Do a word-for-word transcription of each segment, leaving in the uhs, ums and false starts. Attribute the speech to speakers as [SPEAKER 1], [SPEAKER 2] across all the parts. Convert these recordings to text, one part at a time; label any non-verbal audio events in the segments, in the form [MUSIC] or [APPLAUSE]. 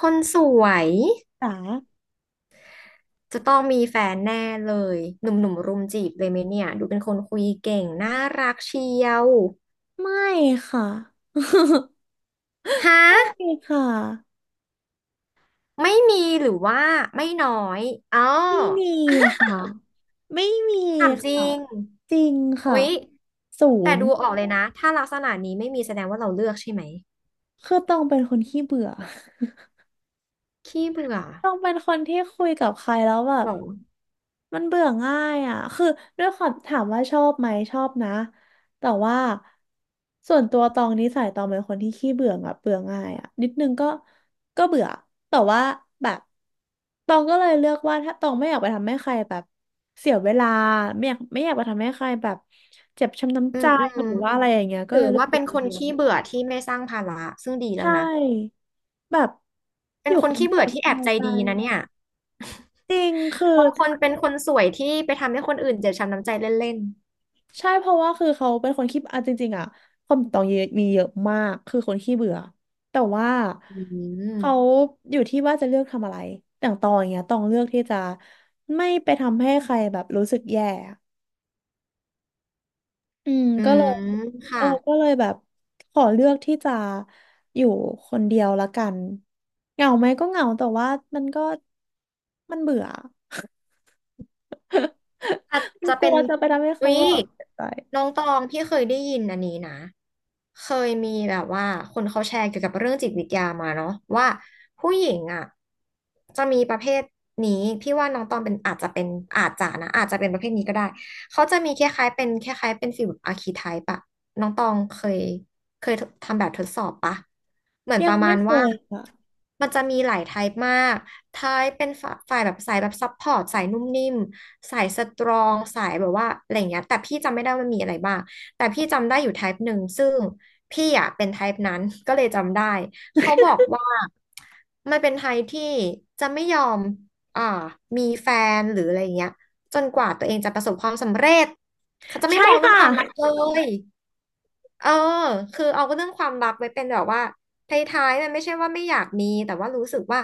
[SPEAKER 1] คนสวย
[SPEAKER 2] จ๋า
[SPEAKER 1] จะต้องมีแฟนแน่เลยหนุ่มๆรุมจีบเลยไหมเนี่ยดูเป็นคนคุยเก่งน่ารักเชียว
[SPEAKER 2] ไม่ค่ะ [LAUGHS]
[SPEAKER 1] ฮะ
[SPEAKER 2] ไม่ค่ะ
[SPEAKER 1] ไม่มีหรือว่าไม่น้อยอ๋อ
[SPEAKER 2] ไม่มีค่ะไม่มี
[SPEAKER 1] ถามจริ
[SPEAKER 2] ค่ะ
[SPEAKER 1] ง
[SPEAKER 2] จริงค่ะ
[SPEAKER 1] อุ๊ย
[SPEAKER 2] ศู
[SPEAKER 1] แต่
[SPEAKER 2] นย์
[SPEAKER 1] ดูออกเลยนะถ้าลักษณะนี้ไม่มีแสดงว่าเราเลือกใช่ไหม
[SPEAKER 2] คือต้องเป็นคนขี้เบื่อ
[SPEAKER 1] ขี้เบื่อ
[SPEAKER 2] ต้องเป็นคนที่คุยกับใครแล้วแบ
[SPEAKER 1] ห
[SPEAKER 2] บ
[SPEAKER 1] รอ
[SPEAKER 2] มันเบื่อง่ายอ่ะคือด้วยความถามว่าชอบไหมชอบนะ แต่ว่าส่วนตัวตองนิสัยตองเป็นคนที่ขี้เบื่ออ่ะเบื่อง่ายอ่ะนิดนึงก็ก็เบื่อ แต่ว่าแบบตองก็เลยเลือกว่าถ้าตองไม่อยากไปทำให้ใครแบบเสียเวลาไม่อยากไม่อยากไปทำให้ใครแบบเจ็บช้ำ
[SPEAKER 1] อื
[SPEAKER 2] น้ำใจ
[SPEAKER 1] มอื
[SPEAKER 2] ห
[SPEAKER 1] ม
[SPEAKER 2] รือว่าอะไรอย่างเงี้ยก็
[SPEAKER 1] ถื
[SPEAKER 2] เล
[SPEAKER 1] อ
[SPEAKER 2] ยเลือก
[SPEAKER 1] ว่า
[SPEAKER 2] อ
[SPEAKER 1] เป็
[SPEAKER 2] ยู่
[SPEAKER 1] น
[SPEAKER 2] ค
[SPEAKER 1] ค
[SPEAKER 2] น
[SPEAKER 1] น
[SPEAKER 2] เดียว
[SPEAKER 1] ขี้เบื่อที่ไม่สร้างภาระซึ่งดีแล้
[SPEAKER 2] ใช
[SPEAKER 1] วนะ
[SPEAKER 2] ่แบบอ
[SPEAKER 1] เป็น
[SPEAKER 2] ยู่
[SPEAKER 1] ค
[SPEAKER 2] ค
[SPEAKER 1] น
[SPEAKER 2] น
[SPEAKER 1] ขี้
[SPEAKER 2] เดีย
[SPEAKER 1] เบื่
[SPEAKER 2] ว
[SPEAKER 1] อ
[SPEAKER 2] ส
[SPEAKER 1] ที่แอบ
[SPEAKER 2] บาย
[SPEAKER 1] ใจ
[SPEAKER 2] ใจ
[SPEAKER 1] ดีนะเนี่ย
[SPEAKER 2] จริงคือ
[SPEAKER 1] บางคนเป็นคนสวยที่ไปทำให้คนอื่นเจ็บช้ำน้ำใจเล่น
[SPEAKER 2] ใช่เพราะว่าคือเขาเป็นคนขี้อ่ะจริงๆอ่ะความตองเยอะมีเยอะมากคือคนขี้เบื่อแต่ว่า
[SPEAKER 1] อื
[SPEAKER 2] เขา
[SPEAKER 1] ม
[SPEAKER 2] อยู่ที่ว่าจะเลือกทำอะไรอย่างตองอย่างเงี้ยตองเลือกที่จะไม่ไปทำให้ใครแบบรู้สึกแย่อืม
[SPEAKER 1] อื
[SPEAKER 2] ก็เลย
[SPEAKER 1] ม
[SPEAKER 2] เอ
[SPEAKER 1] ค่ะ
[SPEAKER 2] อก็เลยแบบขอเลือกที่จะอยู่คนเดียวละกันเหงาไหมก็เหงาแต่ว่ามันก็มันเบื่อ [LAUGHS]
[SPEAKER 1] อาจ
[SPEAKER 2] มัน
[SPEAKER 1] จะ
[SPEAKER 2] ก
[SPEAKER 1] เป็
[SPEAKER 2] ลั
[SPEAKER 1] น
[SPEAKER 2] วจะไปทำให้
[SPEAKER 1] อุ๊
[SPEAKER 2] เขา
[SPEAKER 1] ย
[SPEAKER 2] แบบเสียใจ
[SPEAKER 1] น้องตองพี่เคยได้ยินอันนี้นะ เคยมีแบบว่าคนเขาแชร์เกี่ยวกับเรื่องจิตวิทยามาเนาะว่าผู้หญิงอ่ะจะมีประเภทนี้พี่ว่าน้องตองเป็นอาจจะเป็นอาจจะนะอาจจะเป็นประเภทนี้ก็ได้เขาจะมีคล้ายๆเป็นคล้ายๆเป็นฟิลอาร์คีไทป์อะน้องตองเคยเคยทำแบบทดสอบปะเหมือนป
[SPEAKER 2] ยัง
[SPEAKER 1] ระมา
[SPEAKER 2] ไม่
[SPEAKER 1] ณ
[SPEAKER 2] เค
[SPEAKER 1] ว่า
[SPEAKER 2] ยค่ะ
[SPEAKER 1] มันจะมีหลายไทป์มาก ท้ายเป็นฝ่าฝ่ายแบบสายแบบซัพพอร์ตสายนุ่มนิ่มสายสตรองสายแบบว่าอะไรอย่างเงี้ยแต่พี่จำไม่ได้ว่ามันมีอะไรบ้างแต่พี่จำได้อยู่ t y ป e หนึ่งซึ่งพี่อ่ะเป็นไทป์นั้น [LAUGHS] ก็เลยจำได้เขาบอกว่ามันเป็น t ท p e ที่จะไม่ยอมอ่ามีแฟนหรืออะไรอย่างเงี้ยจนกว่าตัวเองจะประสบความสำเร็จเขาจะไม่
[SPEAKER 2] ใช่
[SPEAKER 1] มองเรื่อง
[SPEAKER 2] ค่ะ
[SPEAKER 1] ความรักเลย เออคือเอาเรื่องความรักไว้เป็นแบบว่าท้ายๆมันไม่ใช่ว่าไม่อยากมีแต่ว่ารู้สึกว่า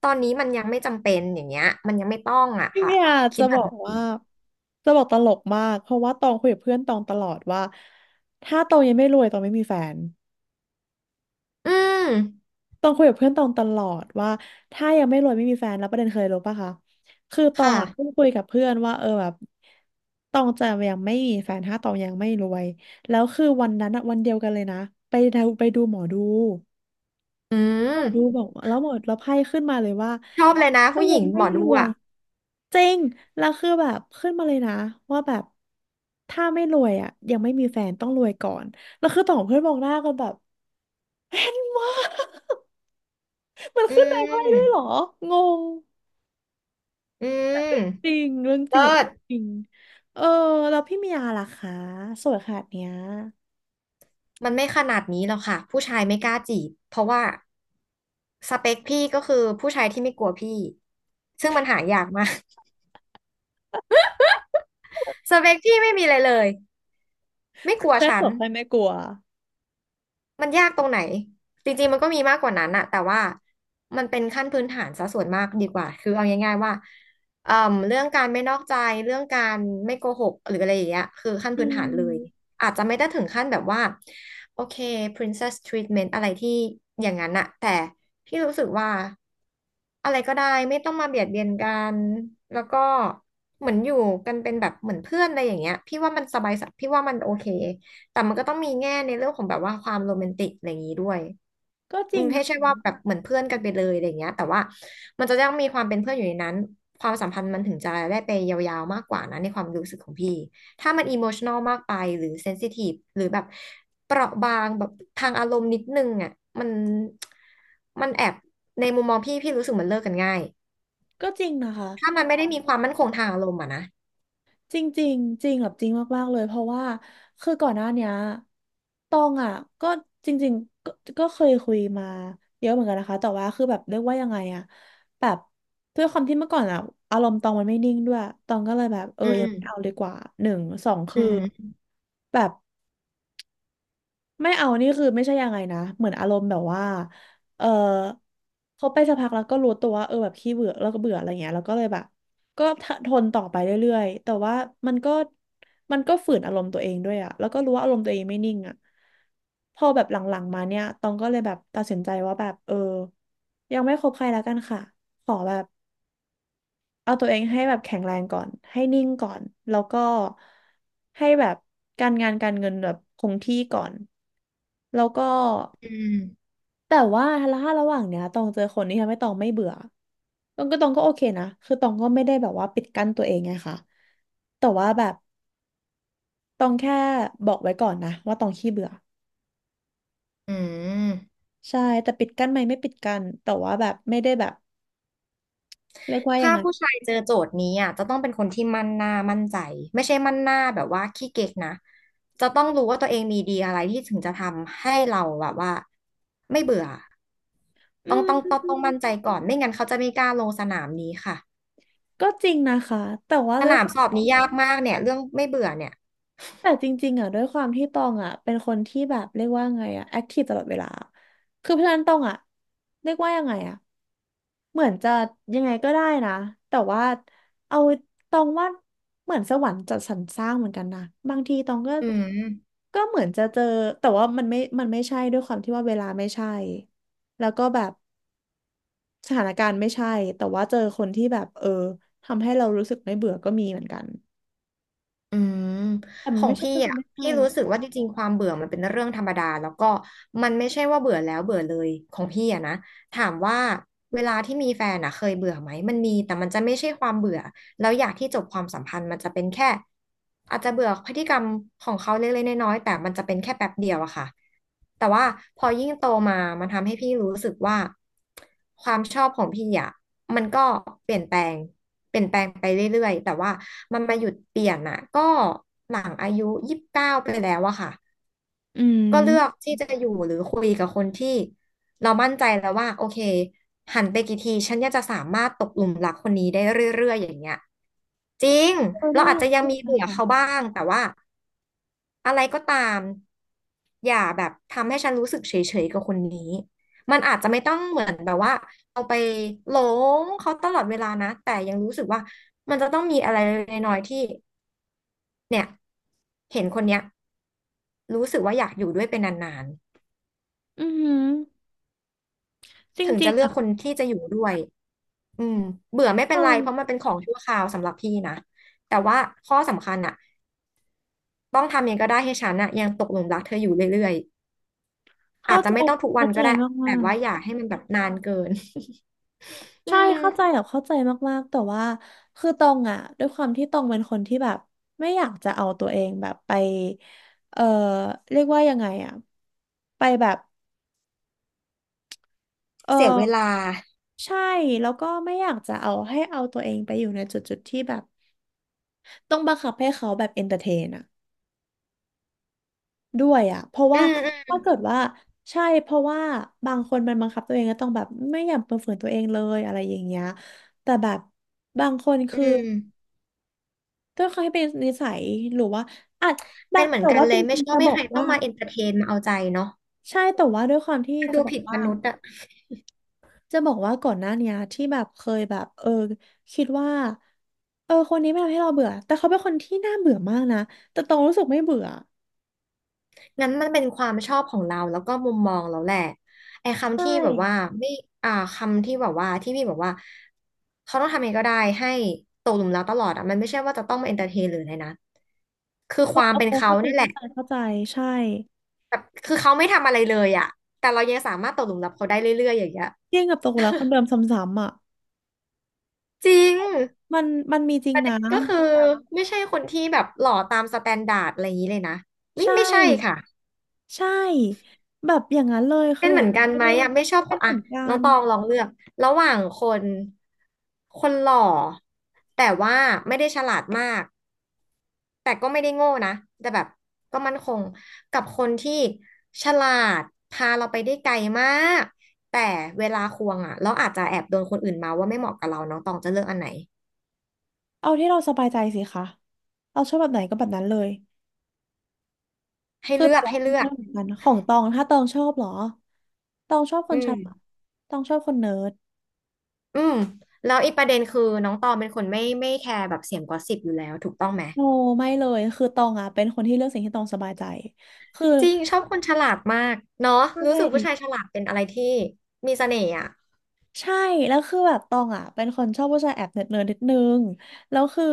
[SPEAKER 1] ตอนนี้มันยังไม่จำเป็นอย่างเงี้ยมันยังไม่ต้องอ่ะ
[SPEAKER 2] พี่
[SPEAKER 1] ค่ะ
[SPEAKER 2] เมีย
[SPEAKER 1] คิ
[SPEAKER 2] จะ
[SPEAKER 1] ดแบ
[SPEAKER 2] บอ
[SPEAKER 1] บ
[SPEAKER 2] กว่า
[SPEAKER 1] นี้
[SPEAKER 2] จะบอกตลกมากเพราะว่าตองคุยกับเพื่อนตองตลอดว่าถ้าตองยังไม่รวยตองไม่มีแฟน
[SPEAKER 1] อืม
[SPEAKER 2] ตองคุยกับเพื่อนตองตลอดว่าถ้ายังไม่รวยไม่มีแฟนแล้วประเด็นเคยรู้ปะคะคือตอง
[SPEAKER 1] ค่ะ
[SPEAKER 2] อ่ะเพิ่งคุยกับเพื่อนว่าเออแบบตองจะยังไม่มีแฟนถ้าตองยังไม่รวยแล้วคือวันนั้นอะวันเดียวกันเลยนะไปดูไปดูหมอดู
[SPEAKER 1] อื
[SPEAKER 2] รู้
[SPEAKER 1] ม
[SPEAKER 2] บอกว่าแล้วหมดแล้วไพ่ขึ้นมาเลยว่า
[SPEAKER 1] ชอบเลยนะ
[SPEAKER 2] ถ้า
[SPEAKER 1] ผู้ห
[SPEAKER 2] ยั
[SPEAKER 1] ญิ
[SPEAKER 2] ง
[SPEAKER 1] งห
[SPEAKER 2] ไม่
[SPEAKER 1] มอ
[SPEAKER 2] ร
[SPEAKER 1] ดู
[SPEAKER 2] วย
[SPEAKER 1] อ่ะ
[SPEAKER 2] จริงแล้วคือแบบขึ้นมาเลยนะว่าแบบถ้าไม่รวยอ่ะยังไม่มีแฟนต้องรวยก่อนแล้วคือต่องเพื่อนมองหน้ากันแบบแฟนวะ [LAUGHS] มัน
[SPEAKER 1] อื
[SPEAKER 2] ขึ้นในไพ่ด้วยเหรอ
[SPEAKER 1] ม
[SPEAKER 2] งง
[SPEAKER 1] อื
[SPEAKER 2] จริ
[SPEAKER 1] ม
[SPEAKER 2] งเรื่องจริงกับ
[SPEAKER 1] เลิศ
[SPEAKER 2] จริงเออแล้วพี่เมียาล่ะคะสวยขนาดเนี้ย
[SPEAKER 1] มันไม่ขนาดนี้หรอกค่ะผู้ชายไม่กล้าจีบเพราะว่าสเปคพี่ก็คือผู้ชายที่ไม่กลัวพี่ซึ่งมันหายากมาก [LAUGHS] สเปคพี่ไม่มีอะไรเลยไม่
[SPEAKER 2] คื
[SPEAKER 1] ก
[SPEAKER 2] อ
[SPEAKER 1] ลัว
[SPEAKER 2] แค่
[SPEAKER 1] ฉั
[SPEAKER 2] ส
[SPEAKER 1] น
[SPEAKER 2] วยใครไม่กลัว
[SPEAKER 1] มันยากตรงไหนจริงๆมันก็มีมากกว่านั้นอะแต่ว่ามันเป็นขั้นพื้นฐานซะส่วนมากดีกว่าคือเอาง่ายๆว่าเอ่อเรื่องการไม่นอกใจเรื่องการไม่โกหกหรืออะไรอย่างเงี้ยคือขั้น
[SPEAKER 2] อื
[SPEAKER 1] พื้นฐานเลย
[SPEAKER 2] ม
[SPEAKER 1] อาจจะไม่ได้ถึงขั้นแบบว่าโอเค princess treatment อะไรที่อย่างนั้นอะแต่พี่รู้สึกว่าอะไรก็ได้ไม่ต้องมาเบียดเบียนกันแล้วก็เหมือนอยู่กันเป็นแบบเหมือนเพื่อนอะไรอย่างเงี้ยพี่ว่ามันสบายสพี่ว่ามันโอเค แต่มันก็ต้องมีแง่ในเรื่องของแบบว่าความโรแมนติกอะไรอย่างนี้ด้วย
[SPEAKER 2] ก็จ
[SPEAKER 1] อื
[SPEAKER 2] ริง
[SPEAKER 1] มให้
[SPEAKER 2] นะ
[SPEAKER 1] ใช่ว่าแบบเหมือนเพื่อนกันไปเลยอะไรอย่างเงี้ยแต่ว่ามันจะต้องมีความเป็นเพื่อนอยู่ในนั้นความสัมพันธ์มันถึงจะได้ไปยาวๆมากกว่านะในความรู้สึกของพี่ถ้ามันอิโมชัน a ลมากไปหรือเซนซิทีฟหรือแบบเปราะบางแบบทางอารมณ์นิดนึงอ่ะมันมันแอบในมุมมองพี่พี่รู้สึกมันเลิกกันง่าย
[SPEAKER 2] ก็จริงนะคะ
[SPEAKER 1] ถ้ามันไม่ได้มีความมั่นคงทางอารมณ์อ่ะนะ
[SPEAKER 2] จริงจริงจริงแบบจริงมากๆเลยเพราะว่าคือก่อนหน้าเนี้ยตองอ่ะก็จริงๆก็ก็เคยคุยมาเยอะเหมือนกันนะคะแต่ว่าคือแบบเรียกว่ายังไงอ่ะแบบด้วยความที่เมื่อก่อนอ่ะอารมณ์ตองมันไม่นิ่งด้วยตองก็เลยแบบเออ
[SPEAKER 1] อื
[SPEAKER 2] ยัง
[SPEAKER 1] ม
[SPEAKER 2] ไม่เอาดีกว่าหนึ่งสองคื
[SPEAKER 1] อื
[SPEAKER 2] อ
[SPEAKER 1] ม
[SPEAKER 2] แบบ ไม่เอานี่คือไม่ใช่ยังไงนะเหมือนอารมณ์แบบว่าเออเขาไปสักพักแล้วก็รู้ตัวว่าเออแบบขี้เบื่อแล้วก็เบื่ออะไรเงี้ยแล้วก็เลยแบบก็ทนต่อไปเรื่อยๆแต่ว่ามันก็มันก็ฝืนอารมณ์ตัวเองด้วยอะแล้วก็รู้ว่าอารมณ์ตัวเองไม่นิ่งอะพอแบบหลังๆมาเนี่ยตองก็เลยแบบตัดสินใจว่าแบบเออยังไม่คบใครแล้วกันค่ะขอแบบ เอาตัวเองให้แบบแข็งแรงก่อนให้นิ่งก่อนแล้วก็ให้แบบการงานการเงินแบบคงที่ก่อนแล้วก็
[SPEAKER 1] อืม
[SPEAKER 2] แต่ว่าถ้าระหว่างเนี้ยตองเจอคนที่ทำให้ตองไม่เบื่อตองก็ตองก็โอเคนะคือตองก็ไม่ได้แบบว่าปิดกั้นตัวเองไงค่ะแต่ว่าแบบตองแค่บอกไว้ก่อนนะว่าตองขี้เบื่อ
[SPEAKER 1] อืม
[SPEAKER 2] ใช่แต่ปิดกั้นไหมไม่ปิดกั้นแต่ว่าแบบไม่ได้แบบเรียกว่ายั
[SPEAKER 1] ถ้า
[SPEAKER 2] งไง
[SPEAKER 1] ผู้ชายเจอโจทย์นี้อ่ะจะต้องเป็นคนที่มั่นหน้ามั่นใจไม่ใช่มั่นหน้าแบบว่าขี้เก๊กนะจะต้องรู้ว่าตัวเองมีดีอะไรที่ถึงจะทำให้เราแบบว่าไม่เบื่อ
[SPEAKER 2] อื
[SPEAKER 1] ต้องต้อง
[SPEAKER 2] ม
[SPEAKER 1] ต้องต้องมั่นใจก่อนไม่งั้นเขาจะไม่กล้าลงสนามนี้ค่ะ
[SPEAKER 2] ก็จริงนะคะแต่ว่า
[SPEAKER 1] ส
[SPEAKER 2] ด้วย
[SPEAKER 1] นา
[SPEAKER 2] ค
[SPEAKER 1] ม
[SPEAKER 2] วา
[SPEAKER 1] สอบ
[SPEAKER 2] ม
[SPEAKER 1] นี้ยากมากเนี่ยเรื่องไม่เบื่อเนี่ย
[SPEAKER 2] แต่จริงๆอ่ะด้วยความที่ตองอ่ะเป็นคนที่แบบเรียกว่าไงอ่ะแอคทีฟตลอดเวลาคือเพราะฉะนั้นตองอ่ะเรียกว่ายังไงอ่ะเหมือนจะยังไงก็ได้นะแต่ว่าเอาตองว่าเหมือนสวรรค์จัดสรรสร้างเหมือนกันนะบางทีตองก็
[SPEAKER 1] อืม
[SPEAKER 2] ก็เหมือนจะเจอแต่ว่ามันไม่มันไม่ใช่ด้วยความที่ว่าเวลาไม่ใช่แล้วก็แบบสถานการณ์ไม่ใช่แต่ว่าเจอคนที่แบบเออทำให้เรารู้สึกไม่เบื่อก็มีเหมือนกัน
[SPEAKER 1] อืม
[SPEAKER 2] แต่
[SPEAKER 1] ข
[SPEAKER 2] มัน
[SPEAKER 1] อง
[SPEAKER 2] ไม่ใช่
[SPEAKER 1] พี่
[SPEAKER 2] ก็คือ
[SPEAKER 1] อ่ะ
[SPEAKER 2] ไม่ใช่
[SPEAKER 1] พี่รู้
[SPEAKER 2] อ่ะ
[SPEAKER 1] สึกว่าจริงๆความเบื่อมันเป็นเรื่องธรรมดาแล้วก็มันไม่ใช่ว่าเบื่อแล้วเบื่อเลยของพี่อ่ะนะถามว่าเวลาที่มีแฟนอ่ะเคยเบื่อไหมมันมีแต่มันจะไม่ใช่ความเบื่อ แล้วอยากที่จบความสัมพันธ์มันจะเป็นแค่อาจจะเบื่อพฤติกรรมของเขาเล็กๆน้อยๆแต่มันจะเป็นแค่แป๊บเดียวอะค่ะแต่ว่าพอยิ่งโตมามันทำให้พี่รู้สึกว่าความชอบของพี่อะมันก็เปลี่ยนแปลงเปลี่ยนแปลงไปเรื่อยๆแต่ว่ามันมาหยุดเปลี่ยนอะก็หลังอายุยี่สิบเก้าไปแล้วอะค่ะ
[SPEAKER 2] อื
[SPEAKER 1] ก็เลือก
[SPEAKER 2] ม
[SPEAKER 1] ที่จะอยู่หรือคุยกับคนที่เรามั่นใจแล้วว่าโอเคหันไปกี่ทีฉันเนี่ยจะสามารถตกหลุมรักคนนี้ได้เรื่อยๆอย่างเงี้ยจริง
[SPEAKER 2] เออ
[SPEAKER 1] เรา
[SPEAKER 2] น่า
[SPEAKER 1] อาจ
[SPEAKER 2] รัก
[SPEAKER 1] จะยัง
[SPEAKER 2] จัง
[SPEAKER 1] มี
[SPEAKER 2] เลย
[SPEAKER 1] เบื่อเขา
[SPEAKER 2] ค่ะ
[SPEAKER 1] บ้างแต่ว่าอะไรก็ตามอย่าแบบทำให้ฉันรู้สึกเฉยๆกับคนนี้มันอาจจะไม่ต้องเหมือนแบบว่าเอาไปหลงเขาตลอดเวลานะแต่ยังรู้สึกว่ามันจะต้องมีอะไรเล็กๆน้อยๆที่เนี่ยเห็นคนเนี้ยรู้สึกว่าอยากอยู่ด้วยเป็นนาน
[SPEAKER 2] อือหือจ
[SPEAKER 1] ถึง
[SPEAKER 2] ริ
[SPEAKER 1] จะ
[SPEAKER 2] ง
[SPEAKER 1] เลื
[SPEAKER 2] ๆ
[SPEAKER 1] อกคน
[SPEAKER 2] อ่ะ
[SPEAKER 1] ที่จะอยู่ด้วยอืมเบื่อไม่
[SPEAKER 2] เ
[SPEAKER 1] เป็นไรเพราะมั
[SPEAKER 2] ออ
[SPEAKER 1] นเป็นของชั่วคราวสำหรับพี่นะแต่ว่าข้อสำคัญอะต้องทำยังไงก็ได้ให้ฉันอะยังตกหลุมรักเธออยู่เรื่อยๆอา
[SPEAKER 2] เข้า
[SPEAKER 1] จจะ
[SPEAKER 2] ใจ
[SPEAKER 1] ไม่ต้องทุกวั
[SPEAKER 2] เข้า
[SPEAKER 1] น
[SPEAKER 2] ใจ
[SPEAKER 1] ก็ได้
[SPEAKER 2] มา
[SPEAKER 1] แต่
[SPEAKER 2] ก
[SPEAKER 1] ว่าอย่าให้มันแบบนานเกิน [LAUGHS]
[SPEAKER 2] ๆ
[SPEAKER 1] อื
[SPEAKER 2] ใช่
[SPEAKER 1] ม
[SPEAKER 2] เข้าใจแบบเข้าใจมากๆแต่ว่าคือตองอ่ะด้วยความที่ตองเป็นคนที่แบบไม่อยากจะเอาตัวเองแบบไป เออเรียกว่ายังไงอ่ะไปแบบ เอ
[SPEAKER 1] เสียเวลา
[SPEAKER 2] อใช่แล้วก็ไม่อยากจะเอาให้เอาตัวเองไปอยู่ในจุดๆที่แบบต้องบังคับให้เขาแบบเอนเตอร์เทนอ่ะ ด้วยอ่ะ เพราะ
[SPEAKER 1] อื
[SPEAKER 2] ว่า
[SPEAKER 1] มอืม
[SPEAKER 2] ถ้าเกิดว่าใช่เพราะว่าบางคนมันบังคับตัวเองก็ต้องแบบไม่อยากเปิดเผยตัวเองเลยอะไรอย่างเงี้ยแต่แบบบางคน
[SPEAKER 1] อื
[SPEAKER 2] คือ
[SPEAKER 1] ม
[SPEAKER 2] ด้วยความที่เป็นนิสัยหรือว่าอาจบา
[SPEAKER 1] เป็
[SPEAKER 2] ง
[SPEAKER 1] นเหมือ
[SPEAKER 2] แต่
[SPEAKER 1] นกัน
[SPEAKER 2] ว่า
[SPEAKER 1] เล
[SPEAKER 2] จ
[SPEAKER 1] ยไม่
[SPEAKER 2] ริง
[SPEAKER 1] ช
[SPEAKER 2] ๆ
[SPEAKER 1] อ
[SPEAKER 2] จะ
[SPEAKER 1] บ
[SPEAKER 2] บ
[SPEAKER 1] ให้
[SPEAKER 2] อ
[SPEAKER 1] ใค
[SPEAKER 2] ก
[SPEAKER 1] รต้อ
[SPEAKER 2] ว่า
[SPEAKER 1] งมาเอนเตอร์เทนมาเอาใจเนาะ
[SPEAKER 2] ใช่แต่ว่าด้วยความที่
[SPEAKER 1] มัน
[SPEAKER 2] จะ
[SPEAKER 1] ดู
[SPEAKER 2] บอก
[SPEAKER 1] ผิดม
[SPEAKER 2] ว่า
[SPEAKER 1] นุษย์อะ
[SPEAKER 2] จะบอกว่าก่อนหน้าเนี้ยที่แบบเคยแบบเออคิดว่าเออคนนี้ไม่ทำให้เราเบื่อแต่เขาเป็นคนที่น่าเบื่อมากนะแต่ตองรู้สึกไม่เบื่อ
[SPEAKER 1] งั้นมันเป็นความชอบของเราแล้วก็มุมมองเราแหละไอ้คำ
[SPEAKER 2] ใช่
[SPEAKER 1] ที่แบบว่าไม่อ่าคำที่แบบว่าที่พี่บอกว่าเขาต้องทำเองก็ได้ให้ตกหลุมรักตลอดอ่ะมันไม่ใช่ว่าจะต้องมาเอนเตอร์เทนหรืออะไรนะคือ
[SPEAKER 2] เอ
[SPEAKER 1] ค
[SPEAKER 2] อ
[SPEAKER 1] วาม
[SPEAKER 2] เออ
[SPEAKER 1] เป็นเขา
[SPEAKER 2] เข้าใจ
[SPEAKER 1] เนี่ยแห
[SPEAKER 2] เข้า
[SPEAKER 1] ละ
[SPEAKER 2] ใจเข้าใจใช่
[SPEAKER 1] แบบคือเขาไม่ทำอะไรเลยอ่ะแต่เรายังสามารถตกหลุมรักเขาได้เรื่อยๆอย่างเงี้ย
[SPEAKER 2] เที่ยงกับตกหลุมรักคนเดิมซ้ำๆอ่ะ
[SPEAKER 1] จริง
[SPEAKER 2] มันมันมีจริ
[SPEAKER 1] ป
[SPEAKER 2] ง
[SPEAKER 1] ระเด็
[SPEAKER 2] นะ
[SPEAKER 1] นก็คือไม่ใช่คนที่แบบหล่อตามสแตนดาร์ดอะไรอย่างนี้เลยนะไม่
[SPEAKER 2] ใช่
[SPEAKER 1] ไม่ใช่ค่ะ
[SPEAKER 2] ใช่แบบอย่างนั้นเลยคื
[SPEAKER 1] เป็
[SPEAKER 2] อ
[SPEAKER 1] นเห
[SPEAKER 2] แบ
[SPEAKER 1] มือ
[SPEAKER 2] บ
[SPEAKER 1] น
[SPEAKER 2] มัน
[SPEAKER 1] กัน
[SPEAKER 2] ไม่
[SPEAKER 1] ไหม
[SPEAKER 2] ได้
[SPEAKER 1] อ่ะไม่ชอบค
[SPEAKER 2] เป็น
[SPEAKER 1] น
[SPEAKER 2] เห
[SPEAKER 1] อ่ะ
[SPEAKER 2] มือนกั
[SPEAKER 1] น้อง
[SPEAKER 2] น
[SPEAKER 1] ตองลองเลือกระหว่างคนคนหล่อแต่ว่าไม่ได้ฉลาดมากแต่ก็ไม่ได้โง่นะแต่แบบก็มั่นคงกับคนที่ฉลาดพาเราไปได้ไกลมากแต่เวลาควงอ่ะเราอาจจะแอบโดนคนอื่นมาว่าไม่เหมาะกับเราน้องตองจะเลือกอันไหน
[SPEAKER 2] เอาที่เราสบายใจสิคะเราชอบแบบไหนก็แบบนั้นเลย
[SPEAKER 1] ให้
[SPEAKER 2] คือ
[SPEAKER 1] เลื
[SPEAKER 2] แต่
[SPEAKER 1] อก
[SPEAKER 2] ละ
[SPEAKER 1] ให้
[SPEAKER 2] คน
[SPEAKER 1] เลื
[SPEAKER 2] ช
[SPEAKER 1] อ
[SPEAKER 2] อ
[SPEAKER 1] ก
[SPEAKER 2] เหมือนกันของตองถ้าตองชอบเหรอตองชอบค
[SPEAKER 1] อื
[SPEAKER 2] นฉลาด
[SPEAKER 1] ม
[SPEAKER 2] ตองชอบคนเนิร์ด
[SPEAKER 1] อืมแล้วอีกประเด็นคือน้องตองเป็นคนไม่ไม่แคร์แบบเสียงกอสซิปอยู่แล้วถูกต้องไหม
[SPEAKER 2] โนไม่เลยคือตองอ่ะเป็นคนที่เลือกสิ่งที่ตองสบายใจคือ
[SPEAKER 1] จริงชอบคนฉลาดมากเนาะ
[SPEAKER 2] ใช
[SPEAKER 1] รู้สึกผู้ชาย
[SPEAKER 2] ่
[SPEAKER 1] ฉลาดเป็นอะไรที่มีเสน่ห์อ่ะ
[SPEAKER 2] ใช่แล้วคือแบบตองอ่ะเป็นคนชอบผู้ชายแอบเนิร์ดเนิร์ดนิดนึงแล้วคือ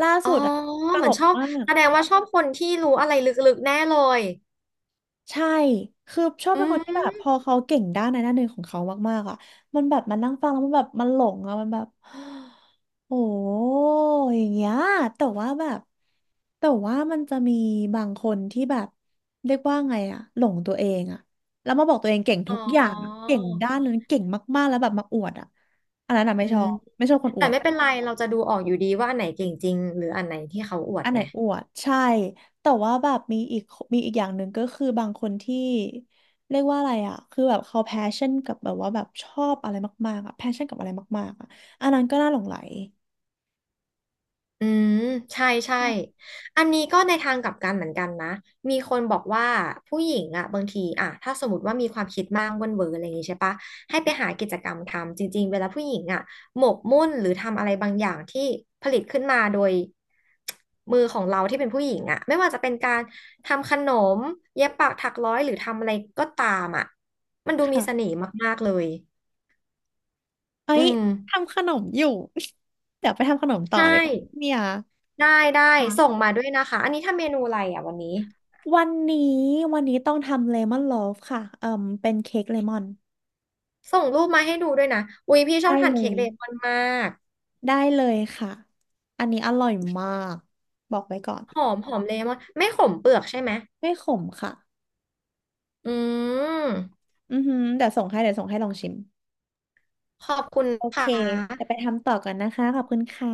[SPEAKER 2] ล่า
[SPEAKER 1] อ๋
[SPEAKER 2] สุ
[SPEAKER 1] อ
[SPEAKER 2] ดอ่ะต
[SPEAKER 1] เหมื
[SPEAKER 2] ล
[SPEAKER 1] อน
[SPEAKER 2] ก
[SPEAKER 1] ชอบ
[SPEAKER 2] มาก
[SPEAKER 1] แสดงว่าชอบคนที่รู้อะไรลึกๆแน่เลย
[SPEAKER 2] ใช่คือชอบ
[SPEAKER 1] อื
[SPEAKER 2] เป็นคนที่แบบพ
[SPEAKER 1] ม
[SPEAKER 2] อเขาเก่งด้านในด้านหนึ่งของเขามากๆอ่ะมันแบบมันนั่งฟังแล้วมันแบบมันหลงอ่ะมันแบบ [GASPS] โอ้อย่างเงี้ยแต่ว่าแบบแต่ว่ามันจะมีบางคนที่แบบเรียกว่าไงอ่ะหลงตัวเองอ่ะแล้วมาบอกตัวเองเก่ง
[SPEAKER 1] อ๋อ
[SPEAKER 2] ทุกอย่างอะเก่งด้านนั้นเก่งมากๆแล้วแบบมาอวดอ่ะอันนั้นอ่ะไม่
[SPEAKER 1] อื
[SPEAKER 2] ชอ
[SPEAKER 1] ม
[SPEAKER 2] บไม่ชอบคนอ
[SPEAKER 1] แต่
[SPEAKER 2] วด
[SPEAKER 1] ไม่เป็นไรเราจะดูออกอยู่ดีว่าอันไหนเก่งจริงหรืออันไหนที่เขาอวด
[SPEAKER 2] อันไหน
[SPEAKER 1] ไง
[SPEAKER 2] อวดใช่แต่ว่าแบบมีอีกมีอีกอย่างหนึ่งก็คือบางคนที่เรียกว่าอะไรอ่ะคือแบบเขาแพชชั่นกับแบบว่าแบบชอบอะไรมากๆอ่ะแพชชั่นกับอะไรมากๆอ่ะอันนั้นก็น่าหลงใหล
[SPEAKER 1] อืมใช่ใช่
[SPEAKER 2] อืม
[SPEAKER 1] อันนี้ก็ในทางกลับกันเหมือนกันนะมีคนบอกว่าผู้หญิงอ่ะบางทีอ่ะถ้าสมมติว่ามีความคิดมากเว่นเวออะไรอย่างงี้ใช่ปะให้ไปหากิจกรรมทำจริงๆเวลาผู้หญิงอ่ะหมกมุ่นหรือทำอะไรบางอย่างที่ผลิตขึ้นมาโดยมือของเราที่เป็นผู้หญิงอ่ะไม่ว่าจะเป็นการทำขนมเย็บปักถักร้อยหรือทำอะไรก็ตามอ่ะมันดูมีเสน่
[SPEAKER 2] ค่ะ
[SPEAKER 1] ห์มากๆเลย
[SPEAKER 2] เอ้
[SPEAKER 1] อื
[SPEAKER 2] ย
[SPEAKER 1] ม
[SPEAKER 2] ทำขนมอยู่ [LAUGHS] เดี๋ยวไปทำขนมต่อ
[SPEAKER 1] ใช่
[SPEAKER 2] เลยก่อนเนี่ย
[SPEAKER 1] ได้ได้ส่ง
[SPEAKER 2] ค่ะ
[SPEAKER 1] มาด้วยนะคะอันนี้ทำเมนูอะไรอ่ะวันนี้
[SPEAKER 2] วันนี้วันนี้ต้องทำเลมอนโลฟค่ะเอ่มเป็นเค้กเลมอน
[SPEAKER 1] ส่งรูปมาให้ดูด้วยนะอุ้ยพี่ชอ
[SPEAKER 2] ได้
[SPEAKER 1] บทาน
[SPEAKER 2] เล
[SPEAKER 1] เค้ก
[SPEAKER 2] ย
[SPEAKER 1] เลมอนมาก
[SPEAKER 2] ได้เลยค่ะอันนี้อร่อยมากบอกไว้ก่อน
[SPEAKER 1] หอมหอมเลมอนไม่ขมเปลือกใช่ไหม
[SPEAKER 2] ไม่ขมค่ะ
[SPEAKER 1] อืม
[SPEAKER 2] อือหือเดี๋ยวส่งให้เดี๋ยวส่งให้ลองชิม
[SPEAKER 1] ขอบคุณ
[SPEAKER 2] โอเค
[SPEAKER 1] ค่ะ
[SPEAKER 2] เดี๋ยวไปทำต่อก่อนนะคะขอบคุณค่ะ